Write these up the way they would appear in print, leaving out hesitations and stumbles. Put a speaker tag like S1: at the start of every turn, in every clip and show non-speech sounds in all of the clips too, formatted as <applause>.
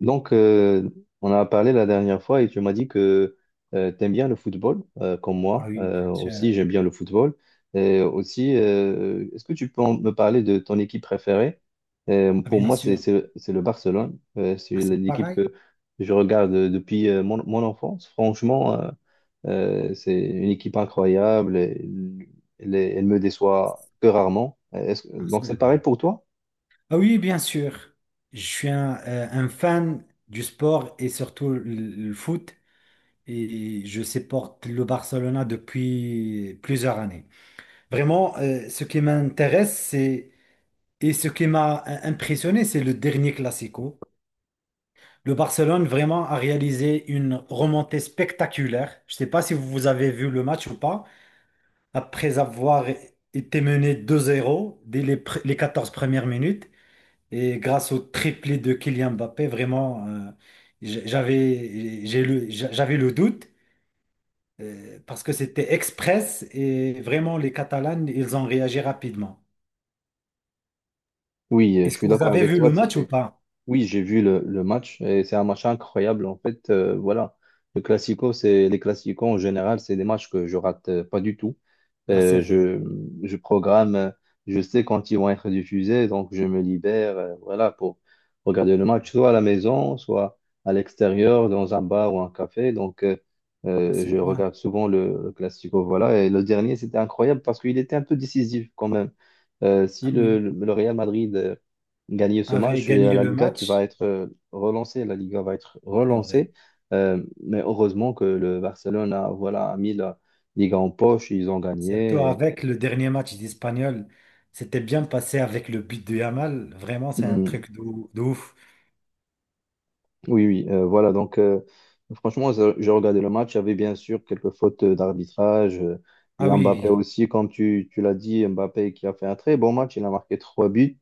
S1: Donc, euh, on a parlé la dernière fois et tu m'as dit que tu aimes bien le football, comme
S2: Ah
S1: moi
S2: oui, bien
S1: aussi,
S2: sûr.
S1: j'aime bien le football. Et aussi, est-ce que tu peux me parler de ton équipe préférée?
S2: Ah,
S1: Pour
S2: bien
S1: moi,
S2: sûr.
S1: c'est le Barcelone.
S2: Ah,
S1: C'est
S2: c'est
S1: l'équipe
S2: pareil.
S1: que je regarde depuis mon enfance. Franchement, c'est une équipe incroyable. Elle me déçoit que rarement. Est-ce que-
S2: Ah,
S1: donc,
S2: c'est
S1: c'est
S2: vrai.
S1: pareil pour toi?
S2: Ah oui, bien sûr. Je suis un fan du sport et surtout le foot. Et je supporte le Barcelona depuis plusieurs années. Vraiment, ce qui m'intéresse, c'est et ce qui m'a impressionné, c'est le dernier Classico. Le Barcelone vraiment a réalisé une remontée spectaculaire. Je ne sais pas si vous avez vu le match ou pas. Après avoir été mené 2-0 dès les 14 premières minutes. Et grâce au triplé de Kylian Mbappé, vraiment, j'avais le doute parce que c'était express et vraiment, les Catalans, ils ont réagi rapidement.
S1: Oui, je
S2: Est-ce
S1: suis
S2: que vous
S1: d'accord
S2: avez
S1: avec
S2: vu
S1: toi.
S2: le match ou
S1: C'était.
S2: pas?
S1: Oui, j'ai vu le match et c'est un match incroyable. En fait, voilà, le classico, c'est les classicos en général, c'est des matchs que je rate pas du tout.
S2: Ah, c'est
S1: Euh,
S2: vrai.
S1: je, je programme, je sais quand ils vont être diffusés, donc je me libère, voilà, pour regarder le match, soit à la maison, soit à l'extérieur, dans un bar ou un café.
S2: Ah, c'est
S1: Je
S2: bien.
S1: regarde souvent le classico, voilà. Et le dernier, c'était incroyable parce qu'il était un peu décisif quand même. Si
S2: Ah oui.
S1: le Real Madrid gagner ce
S2: Avait
S1: match et
S2: gagné
S1: à la
S2: le
S1: Liga qui va
S2: match,
S1: être relancée. La Liga va être
S2: c'est vrai.
S1: relancée. Mais heureusement que le Barcelone a, voilà, a mis la Liga en poche, ils ont
S2: Surtout
S1: gagné.
S2: avec le dernier match d'Espagnol. C'était bien passé avec le but de Yamal. Vraiment, c'est un
S1: Mm.
S2: truc de, ouf.
S1: Oui, voilà. Franchement, j'ai regardé le match. Il y avait bien sûr quelques fautes d'arbitrage. Il y
S2: Ah
S1: a Mbappé
S2: oui.
S1: aussi, comme tu l'as dit, Mbappé qui a fait un très bon match. Il a marqué trois buts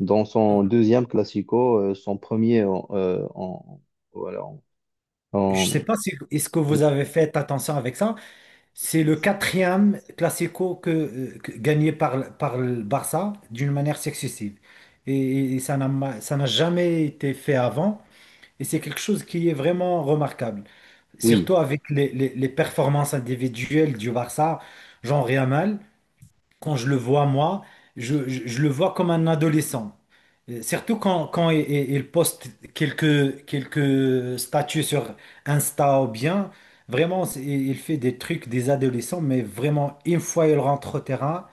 S1: dans
S2: Euh,
S1: son deuxième Classico, son premier en, en- voilà, en-
S2: je
S1: en-
S2: sais pas si est-ce que vous avez fait attention avec ça. C'est le quatrième classico que gagné par le Barça d'une manière successive. Et, ça n'a jamais été fait avant. Et c'est quelque chose qui est vraiment remarquable.
S1: oui,
S2: Surtout avec les performances individuelles du Barça, genre Yamal. Quand je le vois, moi, je le vois comme un adolescent. Surtout quand il poste quelques statuts sur Insta ou bien, vraiment, il fait des trucs des adolescents, mais vraiment, une fois il rentre au terrain,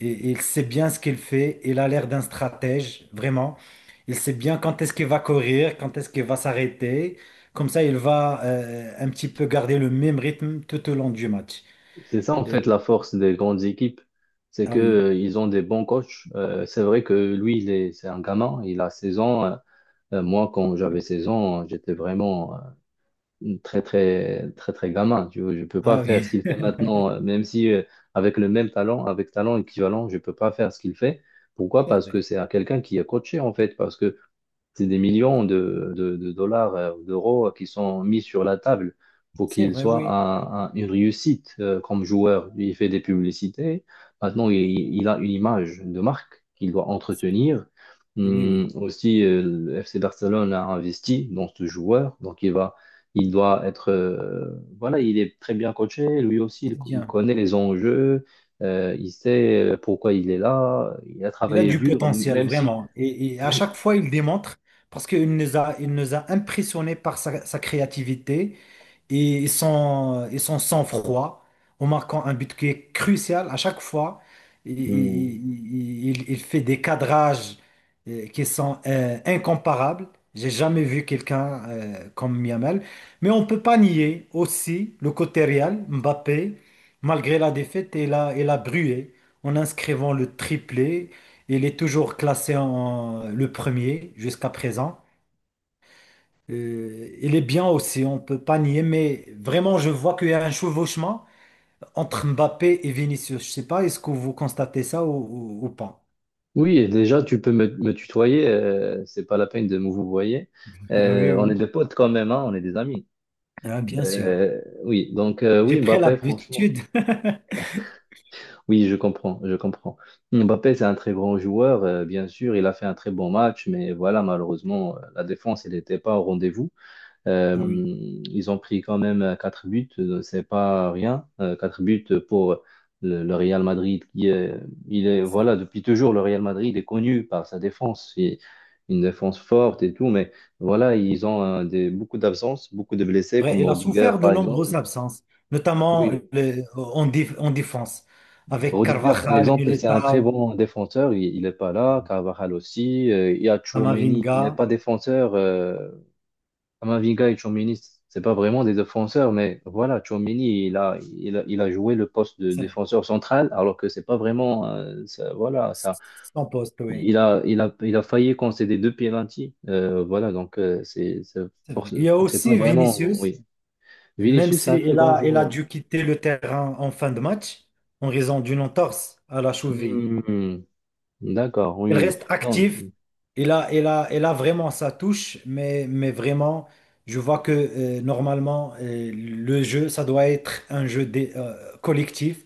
S2: il sait bien ce qu'il fait, il a l'air d'un stratège, vraiment. Il sait bien quand est-ce qu'il va courir, quand est-ce qu'il va s'arrêter. Comme ça, il va un petit peu garder le même rythme tout au long du match.
S1: c'est ça en
S2: Et-
S1: fait la force des grandes équipes, c'est
S2: ah
S1: que
S2: oui,
S1: ils ont des bons coachs. C'est vrai que lui, c'est un gamin, il a 16 ans. Moi, quand j'avais 16 ans, j'étais vraiment très très très très gamin. Tu vois, je peux pas
S2: ah
S1: faire ce
S2: oui,
S1: qu'il fait
S2: <laughs>
S1: maintenant, même si avec le même talent, avec talent équivalent, je peux pas faire ce qu'il fait. Pourquoi?
S2: c'est
S1: Parce que
S2: vrai.
S1: c'est à quelqu'un qui est coaché en fait, parce que c'est des millions de dollars, d'euros qui sont mis sur la table pour
S2: C'est
S1: qu'il
S2: vrai,
S1: soit
S2: oui.
S1: une réussite comme joueur. Il fait des publicités. Maintenant, il a une image de marque qu'il doit entretenir.
S2: Oui, oui,
S1: Aussi, le FC Barcelone a investi dans ce joueur. Donc, il va, il doit être. Voilà, il est très bien coaché. Lui aussi,
S2: c'est
S1: il
S2: bien.
S1: connaît les enjeux. Il sait pourquoi il est là. Il a
S2: Il a
S1: travaillé
S2: du
S1: dur,
S2: potentiel,
S1: même si.
S2: vraiment. Et à
S1: même-
S2: chaque fois, il démontre parce qu'il nous a impressionnés par sa créativité, et son sang-froid en marquant un but qui est crucial à chaque fois. Il,
S1: hum,
S2: il- il- il fait des cadrages qui sont incomparables. J'ai jamais vu quelqu'un comme Miamel. Mais on ne peut pas nier aussi le côté Real, Mbappé, malgré la défaite, il a brûlé en inscrivant le triplé. Il est toujours classé en le premier jusqu'à présent. Il est bien aussi, on peut pas nier, mais vraiment, je vois qu'il y a un chevauchement entre Mbappé et Vinicius. Je sais pas, est-ce que vous constatez ça ou pas?
S1: oui, et déjà, tu peux me tutoyer, c'est pas la peine de me vouvoyer.
S2: Ah oui,
S1: On est
S2: oui.
S1: des potes quand même, hein, on est des amis.
S2: Ah, bien sûr. J'ai
S1: Oui,
S2: pris
S1: Mbappé, franchement,
S2: l'habitude. <laughs>
S1: oui, je comprends, je comprends. Mbappé, c'est un très grand joueur, bien sûr, il a fait un très bon match, mais voilà, malheureusement, la défense, elle n'était pas au rendez-vous. Euh,
S2: Ah oui,
S1: ils ont pris quand même 4 buts, c'est pas rien. 4 buts pour le Real Madrid qui est, il est,
S2: c'est
S1: voilà, depuis toujours, le Real Madrid est connu par sa défense, et une défense forte et tout, mais voilà, ils ont beaucoup d'absences, beaucoup de blessés,
S2: vrai.
S1: comme
S2: Il a
S1: Rodiger
S2: souffert de
S1: par exemple.
S2: nombreuses absences, notamment
S1: Oui,
S2: en défense, avec
S1: Rodiger par
S2: Carvajal,
S1: exemple, c'est un très
S2: Militao,
S1: bon défenseur, il n'est pas là, Carvajal aussi, il y a Tchouaméni qui
S2: Camavinga.
S1: n'est pas défenseur, Kamavinga et Tchouaméni, c'est pas vraiment des défenseurs, mais voilà, Tchouaméni, il a joué le poste de
S2: C'est vrai.
S1: défenseur central, alors que c'est pas vraiment, voilà, ça,
S2: Son poste, oui.
S1: il a failli concéder deux pénaltys, voilà,
S2: C'est vrai. Il y a
S1: c'est pas
S2: aussi
S1: vraiment,
S2: Vinicius.
S1: oui.
S2: Même
S1: Vinicius, c'est
S2: si
S1: un très
S2: il
S1: grand
S2: a, il a
S1: joueur.
S2: dû quitter le terrain en fin de match en raison d'une entorse à la cheville.
S1: Hmm, d'accord, oui,
S2: Il
S1: oui.
S2: reste
S1: Non,
S2: actif. Il a vraiment sa touche, mais vraiment, je vois que normalement, le jeu, ça doit être un jeu collectif.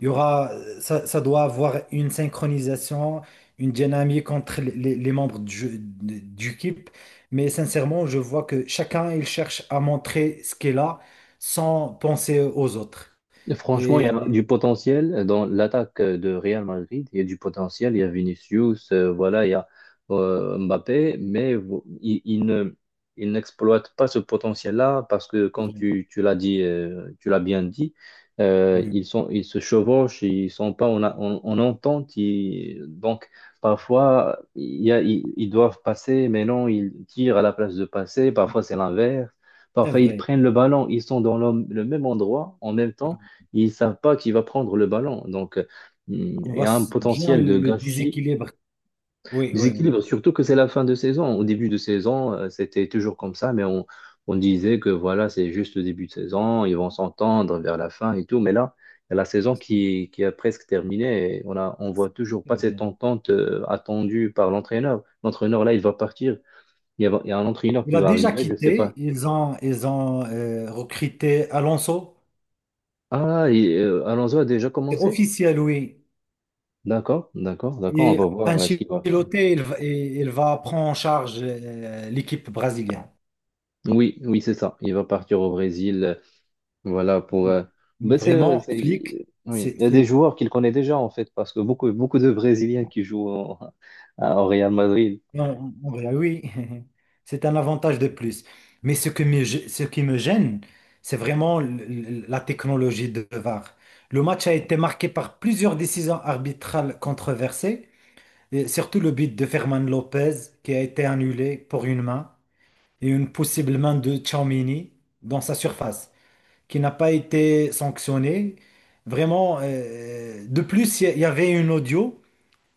S2: Il y aura, ça doit avoir une synchronisation, une dynamique entre les membres du équipe. Mais sincèrement, je vois que chacun, il cherche à montrer ce qu'il a sans penser aux autres.
S1: franchement, il
S2: Et
S1: y a
S2: et
S1: du potentiel dans l'attaque de Real Madrid. Il y a du potentiel. Il y a Vinicius, voilà, il y a Mbappé, mais il ne, il n'exploite pas ce potentiel-là parce que,
S2: c'est
S1: comme
S2: vrai,
S1: tu l'as dit, tu l'as bien dit,
S2: oui,
S1: ils se chevauchent, ils sont pas en entente. Donc, parfois, il y a, ils doivent passer, mais non, ils tirent à la place de passer. Parfois, c'est l'inverse.
S2: c'est
S1: Parfois, ils
S2: vrai.
S1: prennent le ballon, ils sont dans le même endroit en même temps ils savent pas qui va prendre le ballon. Il
S2: On voit
S1: y a un
S2: bien
S1: potentiel
S2: le,
S1: de
S2: le
S1: gâchis,
S2: déséquilibre. Oui, oui, oui,
S1: déséquilibre, surtout que c'est la fin de saison. Au début de saison, c'était toujours comme ça, on disait que voilà, c'est juste le début de saison, ils vont s'entendre vers la fin et tout. Mais là, il y a la saison qui a presque terminé et on voit toujours
S2: c'est
S1: pas cette
S2: vrai.
S1: entente attendue par l'entraîneur. L'entraîneur, là, il va partir. Il y a un entraîneur
S2: Il
S1: qui
S2: a
S1: va
S2: déjà
S1: arriver, je sais
S2: quitté.
S1: pas.
S2: Ils ont recruté Alonso.
S1: Alonso a déjà
S2: C'est
S1: commencé?
S2: officiel, oui.
S1: D'accord, d'accord, d'accord. On
S2: Et
S1: va voir ce qu'il va.
S2: Ancelotti, il va prendre en charge l'équipe brésilienne.
S1: Oui, oui, c'est ça. Il va partir au Brésil, voilà, pour...
S2: Mais vraiment, Flick,
S1: oui.
S2: c'est,
S1: Il y a des
S2: c'est-
S1: joueurs qu'il connaît déjà, en fait, parce que beaucoup, beaucoup de Brésiliens qui jouent au Real Madrid.
S2: non, en vrai, oui, <laughs> c'est un avantage de plus. Mais ce qui me gêne, c'est vraiment la technologie de VAR. Le match a été marqué par plusieurs décisions arbitrales controversées, et surtout le but de Ferman Lopez qui a été annulé pour une main et une possible main de Tchouaméni dans sa surface qui n'a pas été sanctionné. Vraiment, de plus, il y avait une audio.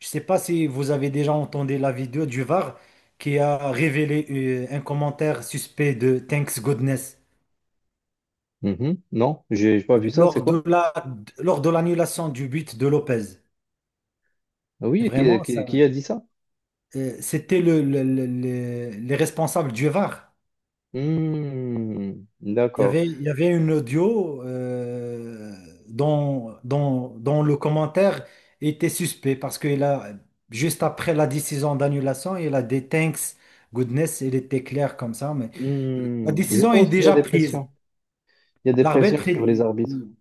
S2: Je ne sais pas si vous avez déjà entendu la vidéo du VAR qui a révélé un commentaire suspect de Thanks Goodness
S1: Mhm. Non, j'ai pas vu ça, c'est
S2: lors de
S1: quoi?
S2: la, lors de l'annulation du but de Lopez.
S1: Ah
S2: Et
S1: oui,
S2: vraiment, ça,
S1: qui a dit ça?
S2: c'était les responsables du VAR.
S1: Hmm,
S2: Il y
S1: d'accord.
S2: avait, il y avait une audio dont le commentaire était suspect parce qu'il a, juste après la décision d'annulation, il a des thanks, goodness, il était clair comme ça, mais la
S1: Hmm, je
S2: décision est
S1: pense qu'il y a
S2: déjà
S1: des
S2: prise.
S1: pressions. Il y a des pressions
S2: L'arbitre,
S1: sur les arbitres.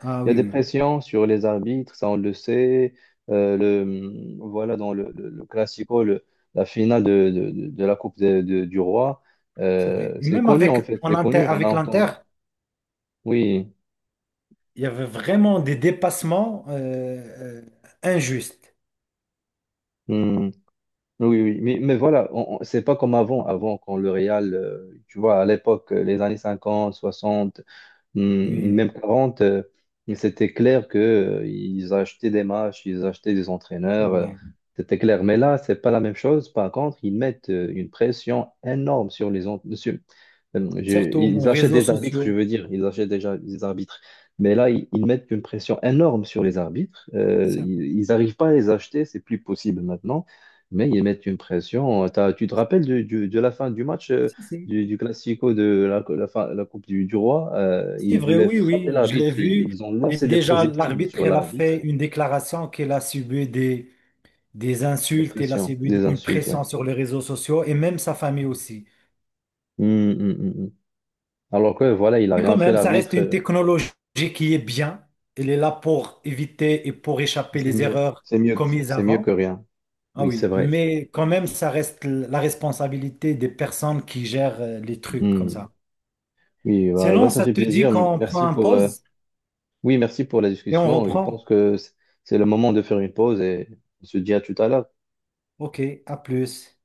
S2: ah
S1: Il y a
S2: oui,
S1: des
S2: oui, oui,
S1: pressions sur les arbitres, ça on le sait. Dans le Classico, la finale de la Coupe du Roi,
S2: c'est vrai. Et
S1: c'est
S2: même
S1: connu en
S2: avec,
S1: fait,
S2: en
S1: c'est
S2: inter-
S1: connu, on a
S2: avec
S1: entendu.
S2: l'Inter,
S1: Oui,
S2: il y avait vraiment des dépassements injustes.
S1: hmm, oui, oui. Mais voilà, c'est pas comme avant, avant quand le Real, tu vois, à l'époque, les années 50, 60. Hmm,
S2: Oui,
S1: même 40, c'était clair que ils achetaient des matchs, ils achetaient des
S2: c'est
S1: entraîneurs,
S2: vrai.
S1: c'était clair. Mais là, c'est pas la même chose. Par contre, ils mettent une pression énorme sur sur,
S2: Surtout
S1: ils
S2: en
S1: achètent
S2: réseaux
S1: des arbitres, je
S2: sociaux.
S1: veux dire, ils achètent déjà des arbitres. Mais là, ils mettent une pression énorme sur les arbitres.
S2: C'est vrai.
S1: Ils n'arrivent pas à les acheter, c'est plus possible maintenant. Mais ils mettent une pression. Tu te rappelles de la fin du match,
S2: Si, si.
S1: du Classico de la Coupe du Roi? Euh,
S2: C'est
S1: ils
S2: vrai,
S1: voulaient
S2: oui,
S1: frapper
S2: oui, je l'ai
S1: l'arbitre.
S2: vu.
S1: Ils ont
S2: Et
S1: lancé des
S2: déjà,
S1: projectiles sur
S2: l'arbitre, elle a fait
S1: l'arbitre,
S2: une déclaration qu'elle a subi des
S1: des
S2: insultes, elle a
S1: pressions,
S2: subi
S1: des
S2: une
S1: insultes, ouais.
S2: pression sur les réseaux sociaux et même sa famille aussi.
S1: Hum, hum, hum, hum. Alors que voilà, il n'a
S2: Mais quand
S1: rien fait
S2: même, ça reste
S1: l'arbitre.
S2: une
S1: Euh,
S2: technologie qui est bien. Elle est là pour éviter et pour échapper
S1: c'est
S2: les
S1: mieux,
S2: erreurs
S1: c'est mieux,
S2: commises
S1: c'est mieux que
S2: avant.
S1: rien.
S2: Ah
S1: Oui, c'est
S2: oui,
S1: vrai.
S2: mais quand même, ça reste la responsabilité des personnes qui gèrent les trucs comme
S1: Hmm.
S2: ça.
S1: Oui, bah, bah,
S2: Sinon,
S1: ça
S2: ça
S1: fait
S2: te dit
S1: plaisir.
S2: qu'on prend
S1: Merci
S2: un
S1: pour, euh,
S2: pause
S1: oui, merci pour la
S2: et on
S1: discussion. Je
S2: reprend.
S1: pense que c'est le moment de faire une pause et on se dit à tout à l'heure.
S2: OK, à plus.